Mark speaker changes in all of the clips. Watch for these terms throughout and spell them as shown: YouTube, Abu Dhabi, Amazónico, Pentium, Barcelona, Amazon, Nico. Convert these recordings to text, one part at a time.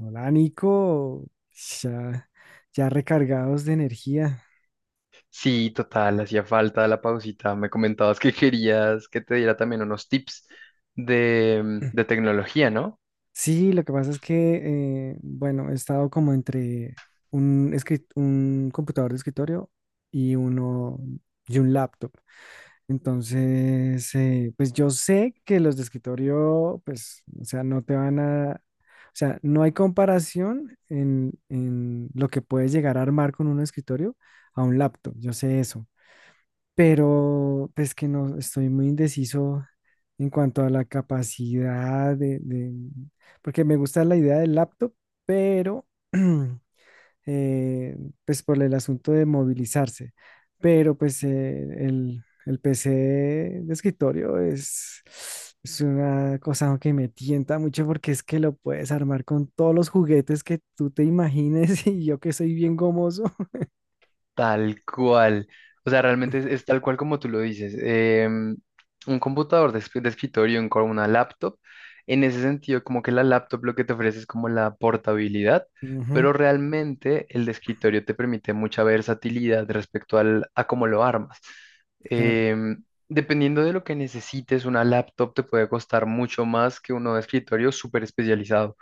Speaker 1: Hola, Nico. Ya, ya recargados de energía.
Speaker 2: Sí, total, hacía falta la pausita. Me comentabas que querías que te diera también unos tips de, de tecnología, ¿no?
Speaker 1: Sí, lo que pasa es que, bueno, he estado como entre un computador de escritorio y uno y un laptop. Entonces, pues yo sé que los de escritorio, pues, o sea, no te van a, o sea, no hay comparación en lo que puedes llegar a armar con un escritorio a un laptop. Yo sé eso. Pero pues que no estoy muy indeciso en cuanto a la capacidad de, porque me gusta la idea del laptop, pero eh, pues por el asunto de movilizarse, pero pues el PC de escritorio es una cosa que me tienta mucho porque es que lo puedes armar con todos los juguetes que tú te imagines y yo que soy bien gomoso.
Speaker 2: Tal cual. O sea, realmente es tal cual como tú lo dices. em, un computador de, de escritorio, una laptop, en ese sentido, como que la laptop lo que te ofrece es como la portabilidad,
Speaker 1: Ujú,
Speaker 2: pero realmente el de escritorio te permite mucha versatilidad respecto al, a cómo lo armas.
Speaker 1: claro.
Speaker 2: Dependiendo de lo que necesites, una laptop te puede costar mucho más que uno de escritorio súper especializado.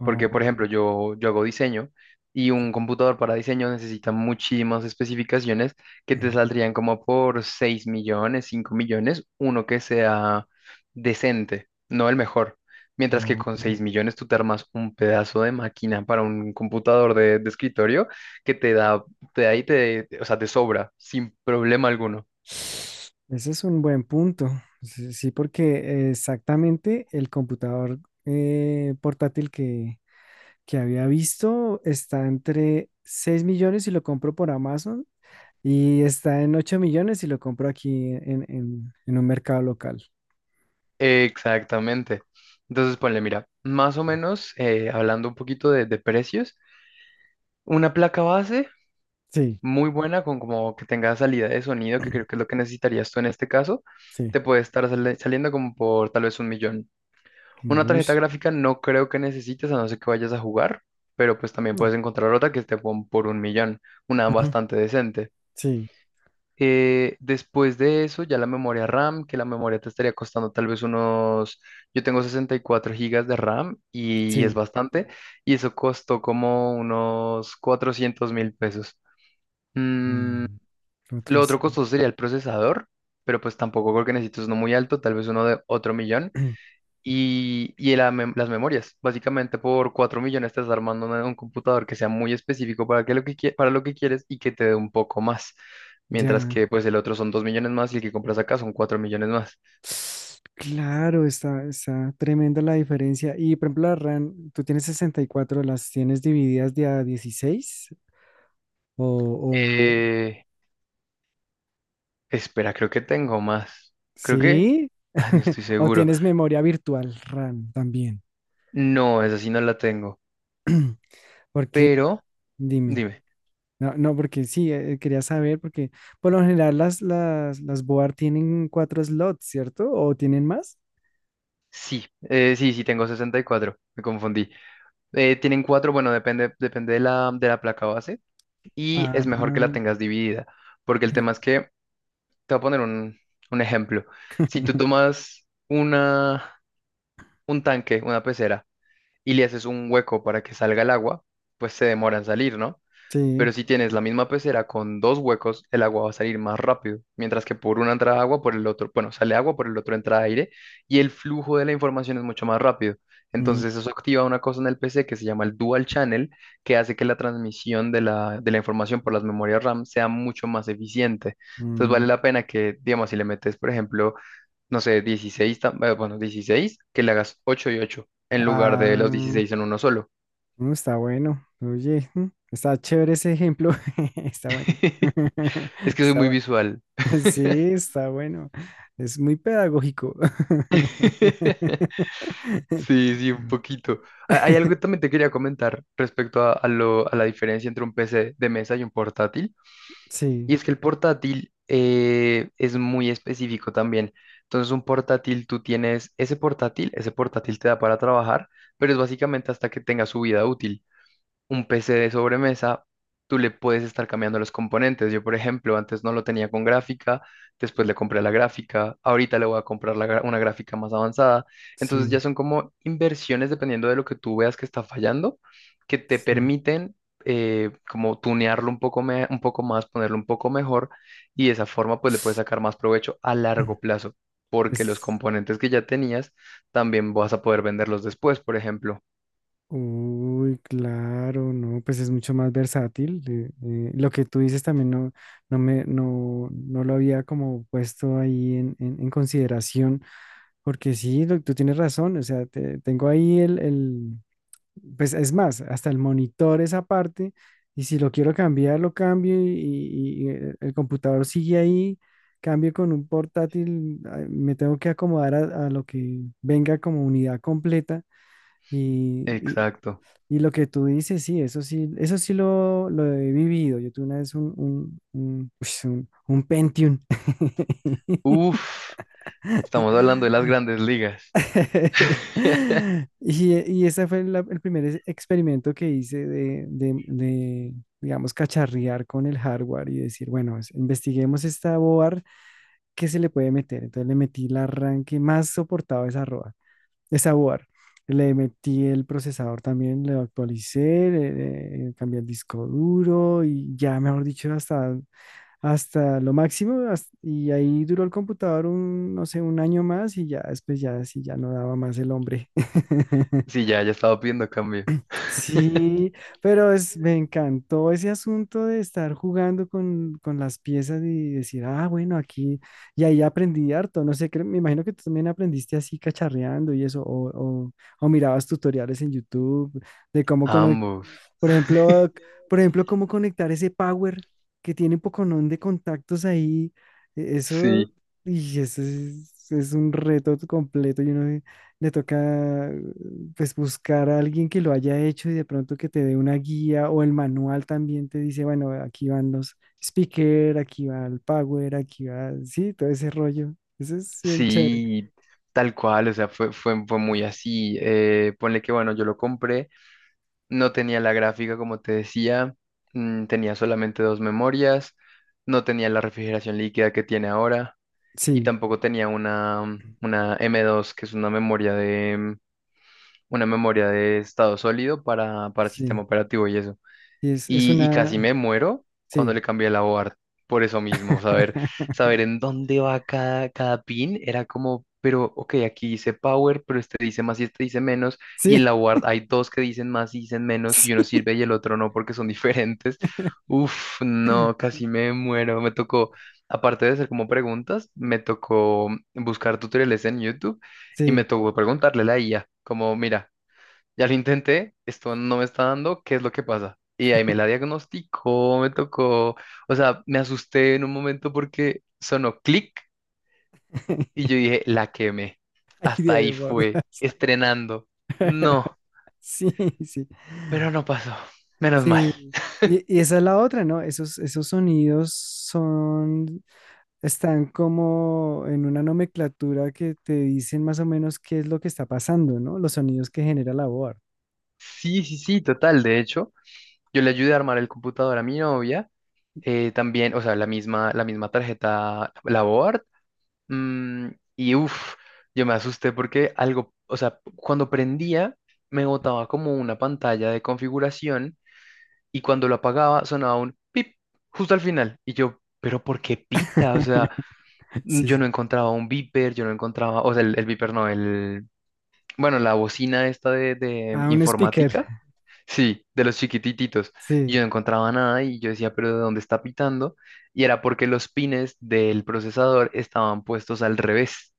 Speaker 1: Oh,
Speaker 2: Porque, por ejemplo, yo hago diseño y un computador para diseño necesita muchísimas especificaciones que
Speaker 1: sí.
Speaker 2: te saldrían como por 6 millones, 5 millones, uno que sea decente, no el mejor. Mientras que con
Speaker 1: Oh,
Speaker 2: 6 millones tú te armas un pedazo de máquina para un computador de escritorio que te da y te, o sea, te sobra sin problema alguno.
Speaker 1: ese es un buen punto. Sí, sí, porque exactamente el computador portátil que había visto está entre 6.000.000 si lo compro por Amazon y está en 8.000.000 si lo compro aquí en, en un mercado local.
Speaker 2: Exactamente. Entonces, ponle, mira, más o menos, hablando un poquito de precios. Una placa base
Speaker 1: Sí,
Speaker 2: muy buena, con como que tenga salida de sonido, que creo que es lo que necesitarías tú en este caso,
Speaker 1: sí.
Speaker 2: te puede estar saliendo como por tal vez 1 millón. Una
Speaker 1: Uy,
Speaker 2: tarjeta gráfica no creo que necesites, a no ser que vayas a jugar, pero pues también
Speaker 1: no.
Speaker 2: puedes encontrar otra que esté por 1 millón, una
Speaker 1: Ujú,
Speaker 2: bastante decente.
Speaker 1: sí,
Speaker 2: Después de eso, ya la memoria RAM, que la memoria te estaría costando tal vez unos, yo tengo 64 gigas de RAM y es
Speaker 1: sí.
Speaker 2: bastante, y eso costó como unos $400.000. Mm,
Speaker 1: Mm,
Speaker 2: lo
Speaker 1: otro
Speaker 2: otro
Speaker 1: sí.
Speaker 2: costoso sería el procesador, pero pues tampoco creo que necesites uno muy alto, tal vez uno de otro millón. Y la las memorias. Básicamente por 4 millones estás armando un computador que sea muy específico para, que lo que, para lo que quieres y que te dé un poco más. Mientras
Speaker 1: Ya.
Speaker 2: que pues el otro son 2 millones más y el que compras acá son 4 millones más.
Speaker 1: Claro, está, está tremenda la diferencia. Y por ejemplo, la RAM, tú tienes 64, ¿las tienes divididas de a 16? ¿O, o
Speaker 2: Eh, Espera, creo que tengo más. Creo que...
Speaker 1: sí?
Speaker 2: Ah, no estoy
Speaker 1: ¿O
Speaker 2: seguro.
Speaker 1: tienes memoria virtual RAM también?
Speaker 2: No, esa sí no la tengo.
Speaker 1: ¿Por qué?
Speaker 2: Pero,
Speaker 1: Dime.
Speaker 2: dime.
Speaker 1: No, no, porque sí, quería saber, porque por lo general las board tienen 4 slots, ¿cierto? ¿O tienen más?
Speaker 2: Sí, sí tengo 64. Me confundí. Tienen cuatro, bueno, depende, depende de la placa base y es
Speaker 1: Ah,
Speaker 2: mejor que la tengas dividida, porque el
Speaker 1: sí.
Speaker 2: tema es que, te voy a poner un ejemplo. Si tú tomas una, un tanque, una pecera, y le haces un hueco para que salga el agua, pues se demora en salir, ¿no?
Speaker 1: Sí.
Speaker 2: Pero si tienes la misma pecera con dos huecos, el agua va a salir más rápido, mientras que por una entra agua, por el otro, bueno, sale agua, por el otro entra aire, y el flujo de la información es mucho más rápido.
Speaker 1: Mm,
Speaker 2: Entonces eso activa una cosa en el PC que se llama el dual channel, que hace que la transmisión de la información por las memorias RAM sea mucho más eficiente. Entonces vale
Speaker 1: mm.
Speaker 2: la pena que, digamos, si le metes, por ejemplo, no sé, 16, 16, que le hagas 8 y 8, en lugar de los
Speaker 1: Ah,
Speaker 2: 16 en uno solo.
Speaker 1: no está bueno. Oye, está chévere ese ejemplo. Está bueno.
Speaker 2: Es que soy
Speaker 1: Está
Speaker 2: muy
Speaker 1: bueno.
Speaker 2: visual.
Speaker 1: Sí, está bueno. Es muy pedagógico.
Speaker 2: Sí, sí, un poquito. Hay algo que también te quería comentar respecto a, a la diferencia entre un PC de mesa y un portátil.
Speaker 1: Sí,
Speaker 2: Y es que el portátil es muy específico también. Entonces, un portátil, tú tienes ese portátil te da para trabajar, pero es básicamente hasta que tenga su vida útil un PC de sobremesa, tú le puedes estar cambiando los componentes. Yo, por ejemplo, antes no lo tenía con gráfica, después le compré la gráfica, ahorita le voy a comprar la una gráfica más avanzada. Entonces
Speaker 1: sí,
Speaker 2: ya son como inversiones dependiendo de lo que tú veas que está fallando, que te
Speaker 1: sí.
Speaker 2: permiten como tunearlo un poco, un poco más, ponerlo un poco mejor y de esa forma pues le puedes sacar más provecho a largo plazo. Porque los
Speaker 1: Es-
Speaker 2: componentes que ya tenías también vas a poder venderlos después, por ejemplo.
Speaker 1: Uy, claro, no, pues es mucho más versátil. Lo que tú dices también no, no lo había como puesto ahí en, en consideración, porque sí, tú tienes razón, o sea, tengo ahí el, pues es más, hasta el monitor esa parte, y si lo quiero cambiar, lo cambio y, y el computador sigue ahí, cambio con un portátil, ah, me tengo que acomodar a lo que venga como unidad completa y,
Speaker 2: Exacto.
Speaker 1: y lo que tú dices, sí, eso sí, eso sí lo he vivido. Yo tuve una vez un Pentium.
Speaker 2: Uf. Estamos hablando de las grandes ligas.
Speaker 1: Y, y ese fue el primer experimento que hice digamos, cacharrear con el hardware y decir, bueno, investiguemos esta board, ¿qué se le puede meter? Entonces le metí la RAM que más soportaba esa de sabor. Le metí el procesador también, lo actualicé, le cambié el disco duro y ya, mejor dicho, hasta lo máximo. Y ahí duró el computador un, no sé, un año más y ya después ya, sí, ya no daba más el hombre.
Speaker 2: Sí, ya, ya estaba pidiendo cambio.
Speaker 1: Sí, pero es, me encantó ese asunto de estar jugando con las piezas y decir, ah, bueno, aquí, y ahí aprendí harto, no sé, me imagino que tú también aprendiste así cacharreando y eso, o, o mirabas tutoriales en YouTube de cómo
Speaker 2: Ambos.
Speaker 1: por ejemplo, c- por ejemplo, cómo conectar ese power que tiene un poconón de contactos ahí. Eso,
Speaker 2: Sí,
Speaker 1: y eso es un reto completo. Y uno le toca pues buscar a alguien que lo haya hecho y de pronto que te dé una guía o el manual también te dice, bueno, aquí van los speaker, aquí va el power, aquí va, sí, todo ese rollo. Eso es bien chévere.
Speaker 2: sí, tal cual, o sea, fue muy así. Ponle que, bueno, yo lo compré, no tenía la gráfica, como te decía, mm, tenía solamente dos memorias, no tenía la refrigeración líquida que tiene ahora y
Speaker 1: Sí,
Speaker 2: tampoco tenía una M2, que es una memoria de estado sólido para
Speaker 1: sí.
Speaker 2: sistema operativo y eso.
Speaker 1: Y es
Speaker 2: Y casi
Speaker 1: una,
Speaker 2: me muero cuando
Speaker 1: sí,
Speaker 2: le cambié la board. Por eso mismo, saber, saber en dónde va cada pin era como, pero ok, aquí dice power, pero este dice más y este dice menos, y
Speaker 1: sí,
Speaker 2: en la board hay dos que dicen más y dicen menos, y uno
Speaker 1: sí.
Speaker 2: sirve y el otro no porque son diferentes. Uf, no, casi me muero. Me tocó, aparte de hacer como preguntas, me tocó buscar tutoriales en YouTube y me
Speaker 1: Sí.
Speaker 2: tocó preguntarle a la IA, como, mira, ya lo intenté, esto no me está dando, ¿qué es lo que pasa? Y ahí me la diagnosticó, me tocó, o sea, me asusté en un momento porque sonó clic y yo dije, la quemé.
Speaker 1: Ay,
Speaker 2: Hasta ahí
Speaker 1: Dios, por
Speaker 2: fue,
Speaker 1: Dios.
Speaker 2: estrenando. No,
Speaker 1: Sí, sí.
Speaker 2: pero no pasó, menos mal.
Speaker 1: Sí. Y esa es la otra, ¿no? Esos, esos sonidos son, están como en una nomenclatura que te dicen más o menos qué es lo que está pasando, ¿no? Los sonidos que genera la voz.
Speaker 2: Sí, sí, sí, total, de hecho, yo le ayudé a armar el computador a mi novia, también, o sea, la misma tarjeta, la board. Mm, y uff, yo me asusté porque algo, o sea, cuando prendía me botaba como una pantalla de configuración y cuando lo apagaba sonaba un pip justo al final. Y yo, pero ¿por qué pita? O sea,
Speaker 1: Sí,
Speaker 2: yo no
Speaker 1: sí.
Speaker 2: encontraba un beeper, yo no encontraba, o sea, el beeper no, el, bueno, la bocina esta de
Speaker 1: Ah, un speaker.
Speaker 2: informática. Sí, de los chiquitititos. Y
Speaker 1: Sí.
Speaker 2: yo no encontraba nada y yo decía, pero ¿de dónde está pitando? Y era porque los pines del procesador estaban puestos al revés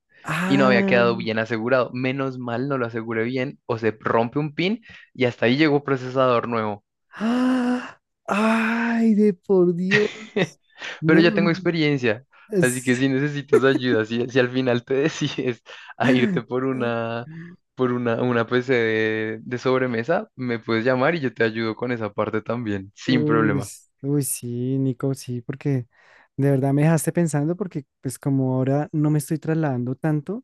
Speaker 2: y no había
Speaker 1: Ah,
Speaker 2: quedado bien asegurado. Menos mal no lo aseguré bien o se rompe un pin y hasta ahí llegó procesador nuevo.
Speaker 1: ah, ay, de por Dios.
Speaker 2: Pero
Speaker 1: No.
Speaker 2: ya tengo experiencia, así que
Speaker 1: es-
Speaker 2: si necesitas ayuda, si al final te decides a irte por una, una PC de sobremesa, me puedes llamar y yo te ayudo con esa parte también, sin
Speaker 1: Uy,
Speaker 2: problema.
Speaker 1: uy, sí, Nico, sí, porque de verdad me dejaste pensando porque pues como ahora no me estoy trasladando tanto,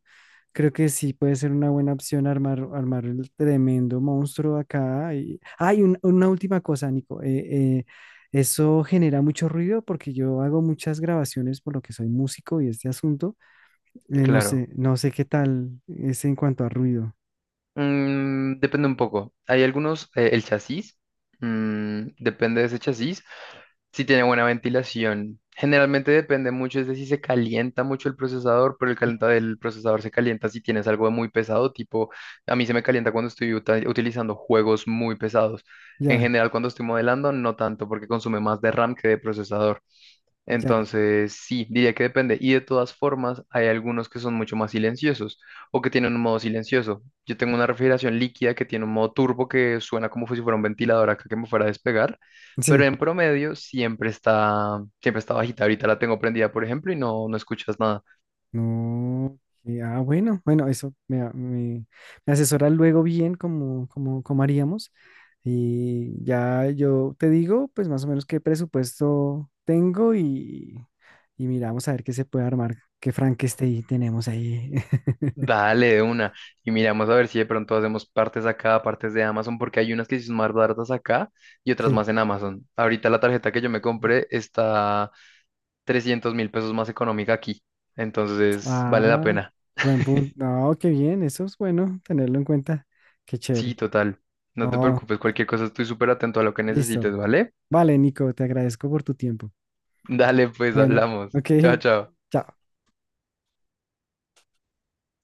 Speaker 1: creo que sí puede ser una buena opción armar, armar el tremendo monstruo acá. Y... Ah, y una última cosa, Nico, eso genera mucho ruido porque yo hago muchas grabaciones por lo que soy músico y este asunto, no
Speaker 2: Claro.
Speaker 1: sé, no sé qué tal es en cuanto a ruido.
Speaker 2: Mm, depende un poco. Hay algunos, el chasis, mm, depende de ese chasis, si tiene buena ventilación. Generalmente depende mucho, es de si se calienta mucho el procesador, pero el calentado del procesador se calienta si tienes algo muy pesado, tipo, a mí se me calienta cuando estoy utilizando juegos muy pesados. En
Speaker 1: Ya,
Speaker 2: general, cuando estoy modelando, no tanto, porque consume más de RAM que de procesador.
Speaker 1: ya,
Speaker 2: Entonces, sí, diría que depende. Y de todas formas, hay algunos que son mucho más silenciosos o que tienen un modo silencioso. Yo tengo una refrigeración líquida que tiene un modo turbo que suena como si fuera un ventilador acá que me fuera a despegar, pero
Speaker 1: sí.
Speaker 2: en promedio siempre está bajita. Ahorita la tengo prendida, por ejemplo, y no, no escuchas nada.
Speaker 1: No, ah, bueno, bueno, me, me asesora luego bien cómo cómo cómo haríamos. Y ya yo te digo, pues más o menos qué presupuesto tengo y miramos a ver qué se puede armar, qué Frankenstein tenemos ahí.
Speaker 2: Dale de una y miramos a ver si de pronto hacemos partes acá, partes de Amazon, porque hay unas que sí son más baratas acá y otras
Speaker 1: Sí.
Speaker 2: más en Amazon. Ahorita la tarjeta que yo me compré está $300.000 más económica aquí. Entonces, vale la
Speaker 1: Ah,
Speaker 2: pena.
Speaker 1: buen punto. No, qué bien, eso es bueno tenerlo en cuenta. Qué
Speaker 2: Sí,
Speaker 1: chévere.
Speaker 2: total. No te
Speaker 1: Oh,
Speaker 2: preocupes, cualquier cosa estoy súper atento a lo que
Speaker 1: listo.
Speaker 2: necesites, ¿vale?
Speaker 1: Vale, Nico, te agradezco por tu tiempo.
Speaker 2: Dale, pues
Speaker 1: Bueno,
Speaker 2: hablamos.
Speaker 1: ok,
Speaker 2: Chao, chao.
Speaker 1: chao.